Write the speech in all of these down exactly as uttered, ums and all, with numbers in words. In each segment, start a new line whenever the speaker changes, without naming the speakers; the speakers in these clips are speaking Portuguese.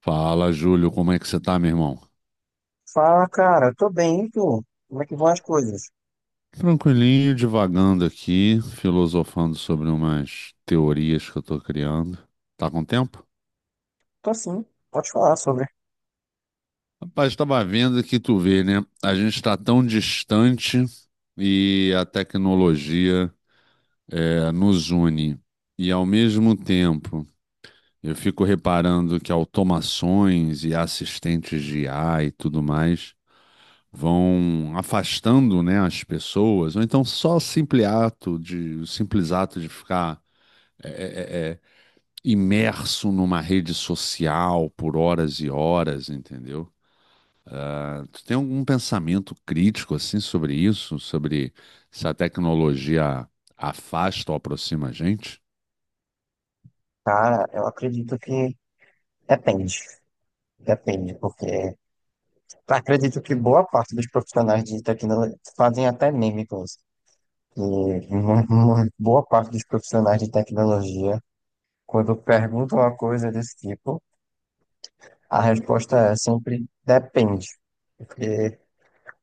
Fala, Júlio, como é que você tá, meu irmão?
Fala, cara, tô bem, e tu? Como é que vão as coisas?
Tranquilinho, divagando aqui, filosofando sobre umas teorias que eu tô criando. Tá com tempo?
Tô sim, pode falar sobre.
Rapaz, tava vendo que tu vê, né? A gente tá tão distante e a tecnologia é, nos une. E ao mesmo tempo, eu fico reparando que automações e assistentes de I A e tudo mais vão afastando, né, as pessoas, ou então só o simples ato de, o simples ato de ficar imerso numa rede social por horas e horas, entendeu? Ah, Tu tem algum pensamento crítico assim sobre isso, sobre se a tecnologia afasta ou aproxima a gente?
Cara, eu acredito que depende, depende, porque acredito que boa parte dos profissionais de tecnologia fazem até meme com isso. E mu- mu- boa parte dos profissionais de tecnologia, quando perguntam uma coisa desse tipo, a resposta é sempre depende, porque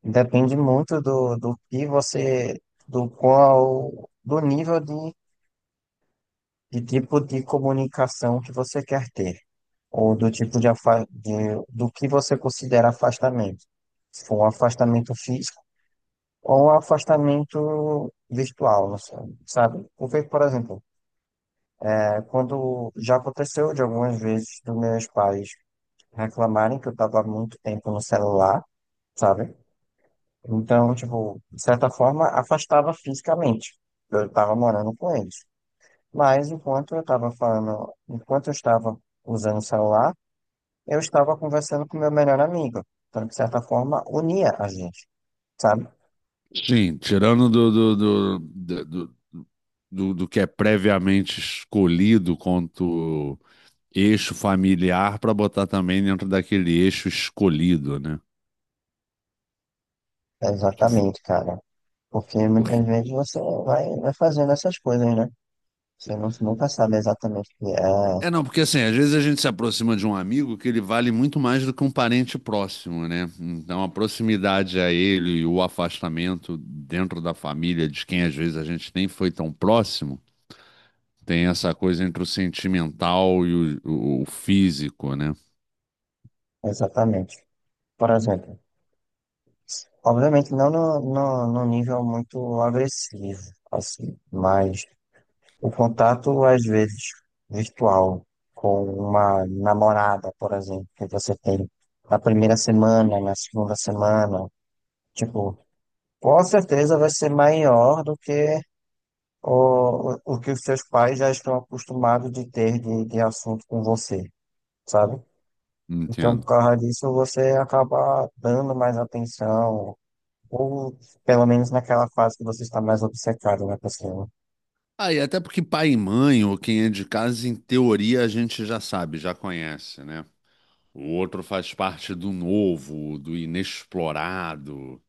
depende muito do, do que você, do qual, do nível de de tipo de comunicação que você quer ter? Ou do tipo de, afa- de do que você considera afastamento? Se for um afastamento físico ou um afastamento virtual, não sei, sabe? Porque, por exemplo, é, quando já aconteceu de algumas vezes dos meus pais reclamarem que eu estava muito tempo no celular, sabe? Então, tipo, de certa forma, afastava fisicamente. Eu estava morando com eles. Mas enquanto eu estava falando, enquanto eu estava usando o celular, eu estava conversando com meu melhor amigo. Então, de certa forma, unia a gente, sabe?
Sim, tirando do, do, do, do, do, do- do que é previamente escolhido quanto eixo familiar para botar também dentro daquele eixo escolhido, né?
Exatamente, cara. Porque muitas vezes você vai, vai fazendo essas coisas, né? Você não, nunca sabe exatamente o que é.
É, não, porque assim, às vezes a gente se aproxima de um amigo que ele vale muito mais do que um parente próximo, né? Então a proximidade a ele e o afastamento dentro da família de quem às vezes a gente nem foi tão próximo, tem essa coisa entre o sentimental e o, o- o físico, né?
Exatamente. Por exemplo, obviamente não no, no, no nível muito agressivo, assim, mas o contato, às vezes, virtual com uma namorada, por exemplo, que você tem na primeira semana, na segunda semana, tipo, com certeza vai ser maior do que o, o que os seus pais já estão acostumados de ter de, de assunto com você, sabe? Então, por
Entendo.
causa disso, você acaba dando mais atenção, ou pelo menos naquela fase que você está mais obcecado na pessoa.
Ah, e até porque pai e mãe, ou quem é de casa, em teoria a gente já sabe, já conhece, né? O outro faz parte do novo, do inexplorado.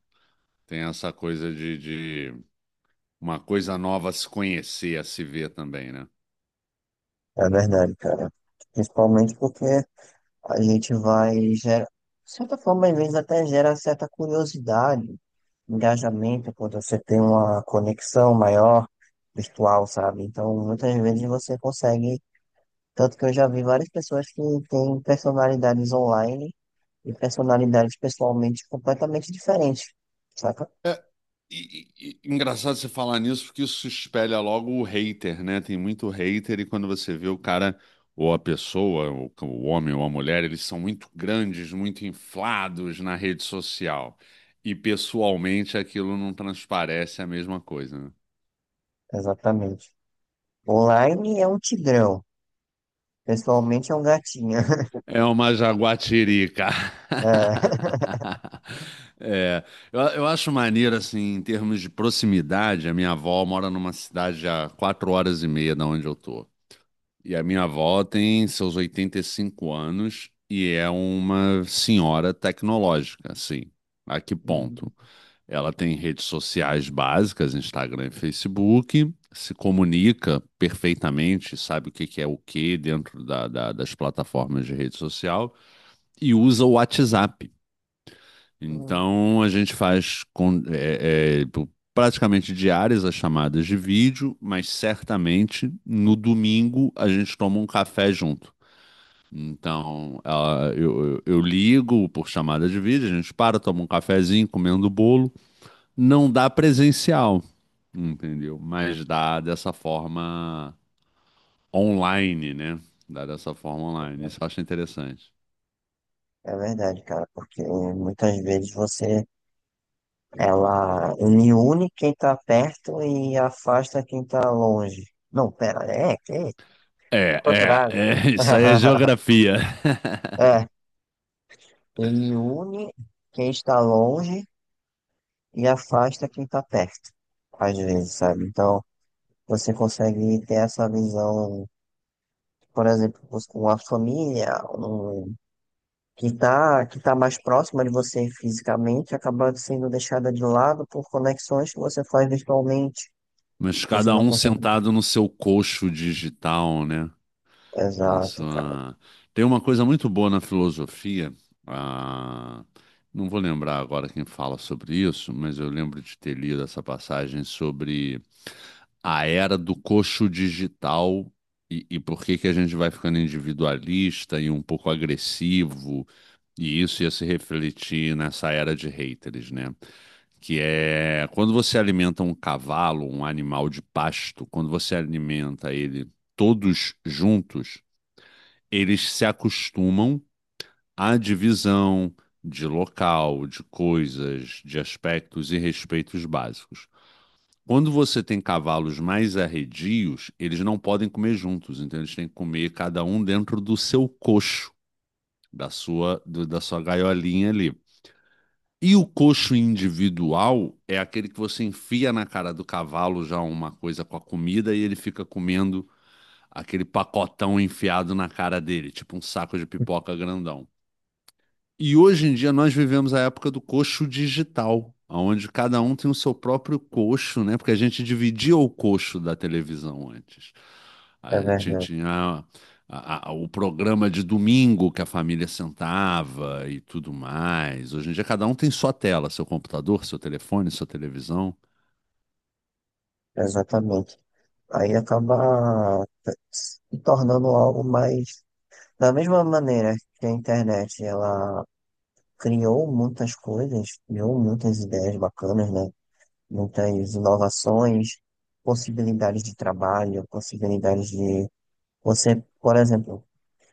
Tem essa coisa de, de uma coisa nova a se conhecer, a se ver também, né?
É verdade, cara. Principalmente porque a gente vai gera, de certa forma, às vezes até gera certa curiosidade, engajamento, quando você tem uma conexão maior virtual, sabe? Então, muitas vezes você consegue, tanto que eu já vi várias pessoas que têm personalidades online e personalidades pessoalmente completamente diferentes, saca?
É, e- e- e- engraçado você falar nisso, porque isso espelha logo o hater, né? Tem muito hater, e quando você vê o cara ou a pessoa, o, o homem ou a mulher, eles são muito grandes, muito inflados na rede social. E pessoalmente aquilo não transparece a mesma coisa, né?
Exatamente. Online é um tigrão, pessoalmente é um gatinho.
É uma jaguatirica. É, eu, eu acho maneiro, assim, em termos de proximidade, a minha avó mora numa cidade a quatro horas e meia da onde eu tô. E a minha avó tem seus oitenta e cinco anos e é uma senhora tecnológica, assim. A que ponto? Ela tem redes sociais básicas, Instagram e Facebook, se comunica perfeitamente, sabe o que que é o que dentro da- da- das plataformas de rede social e usa o WhatsApp.
É.
Então a gente faz com- é, é, praticamente diárias as chamadas de vídeo, mas certamente no domingo a gente toma um café junto. Então ela- eu, eu- eu ligo por chamada de vídeo, a gente para, toma um cafezinho, comendo bolo. Não dá presencial, entendeu? Mas dá dessa forma online, né? Dá dessa forma online. Isso eu acho interessante.
É verdade, cara, porque muitas vezes você ela une quem tá perto e afasta quem tá longe. Não, pera, é que é o
É, é,
contrário.
é, isso aí é geografia.
É, ele une quem está longe e afasta quem está perto, às vezes, sabe? Então, você consegue ter essa visão, por exemplo, com a família, um, que está que tá mais próxima de você fisicamente, acaba sendo deixada de lado por conexões que você faz virtualmente.
Mas
Você
cada
não
um
consegue.
sentado no seu coxo digital, né? Na
Exato, cara.
sua... Tem uma coisa muito boa na filosofia. ah, Não vou lembrar agora quem fala sobre isso, mas eu lembro de ter lido essa passagem sobre a era do coxo digital e, e por que que a gente vai ficando individualista e um pouco agressivo, e isso ia se refletir nessa era de haters, né? Que é quando você alimenta um cavalo, um animal de pasto, quando você alimenta ele todos juntos, eles se acostumam à divisão de local, de coisas, de aspectos e respeitos básicos. Quando você tem cavalos mais arredios, eles não podem comer juntos, então eles têm que comer cada um dentro do seu coxo, da sua, do- da sua gaiolinha ali. E o coxo individual é aquele que você enfia na cara do cavalo já uma coisa com a comida e ele fica comendo aquele pacotão enfiado na cara dele, tipo um saco de pipoca grandão. E hoje em dia nós vivemos a época do coxo digital, onde cada um tem o seu próprio coxo, né? Porque a gente dividia o coxo da televisão antes.
É
A gente
verdade,
tinha a- a- o programa de domingo que a família sentava e tudo mais. Hoje em dia cada um tem sua tela, seu computador, seu telefone, sua televisão.
exatamente. Aí acaba se tornando algo mais. Da mesma maneira que a internet, ela criou muitas coisas, criou muitas ideias bacanas, né? Muitas inovações, possibilidades de trabalho, possibilidades de. Você, por exemplo,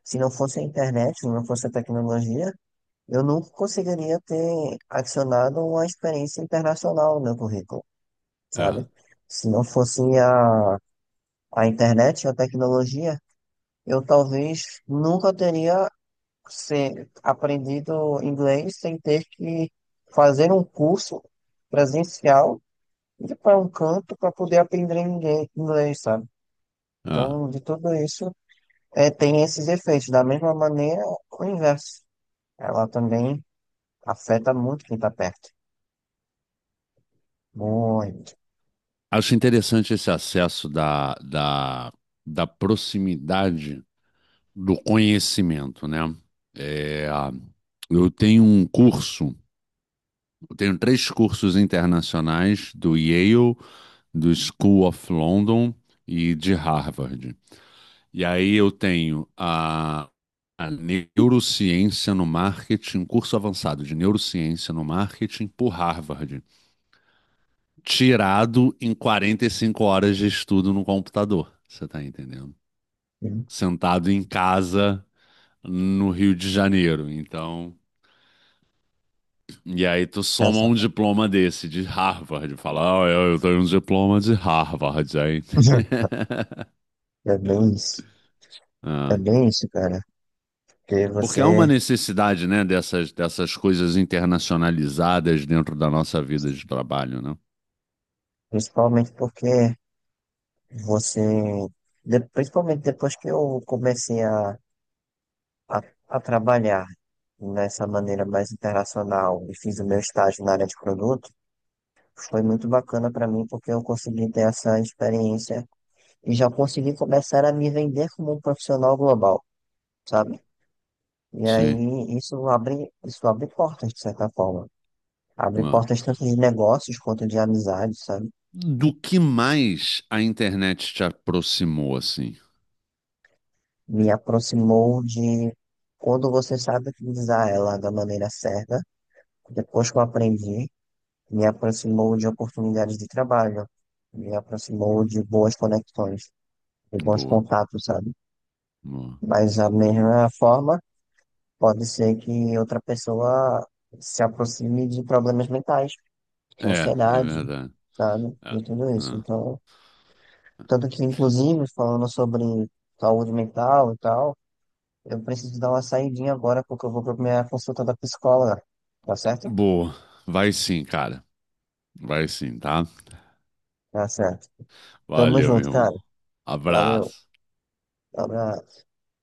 se não fosse a internet, se não fosse a tecnologia, eu nunca conseguiria ter adicionado uma experiência internacional no meu currículo,
É,
sabe? Se não fosse a a internet, a tecnologia, eu talvez nunca teria se- aprendido inglês sem ter que fazer um curso presencial ir para um canto para poder aprender ingle- inglês, sabe?
é.
Então, de tudo isso, é, tem esses efeitos. Da mesma maneira, o inverso. Ela também afeta muito quem está perto. Muito.
Acho interessante esse acesso da, da, da proximidade do conhecimento, né? É, eu tenho um curso, eu tenho três cursos internacionais do Yale, do School of London e de Harvard. E aí eu tenho a, a neurociência no marketing, um curso avançado de neurociência no marketing por Harvard, tirado em quarenta e cinco horas de estudo no computador, você tá entendendo?
Hum.
Sentado em casa no Rio de Janeiro. Então, e aí tu soma
Essa-
um diploma desse, de Harvard, fala, ah, eu eu tenho um diploma de Harvard, hein?
É bem isso. É
Ah.
bem isso, cara. Porque
Porque há uma
você,
necessidade, né, dessas, dessas coisas internacionalizadas dentro da nossa vida de trabalho, né?
principalmente porque você, de- principalmente depois que eu comecei a, a, a trabalhar nessa maneira mais internacional e fiz o meu estágio na área de produto, foi muito bacana para mim porque eu consegui ter essa experiência e já consegui começar a me vender como um profissional global, sabe? E
Sim.
aí isso abre, isso abre portas, de certa forma. Abre
Ah.
portas tanto de negócios quanto de amizade, sabe?
Do que mais a internet te aproximou, assim?
Me aproximou de quando você sabe utilizar ela da maneira certa. Depois que eu aprendi, me aproximou de oportunidades de trabalho, me aproximou de boas conexões, de bons
Boa,
contatos, sabe?
boa.
Mas da mesma forma, pode ser que outra pessoa se aproxime de problemas mentais, de
É, é
ansiedade,
verdade.
sabe?
É.
De tudo isso.
Ah.
Então, tanto que, inclusive, falando sobre saúde mental e tal, eu preciso dar uma saidinha agora porque eu vou pra minha consulta da psicóloga, tá certo?
Boa. Vai sim, cara. Vai sim, tá?
Tá certo. Tamo
Valeu, meu
junto, cara.
irmão.
Valeu.
Abraço.
Abraço.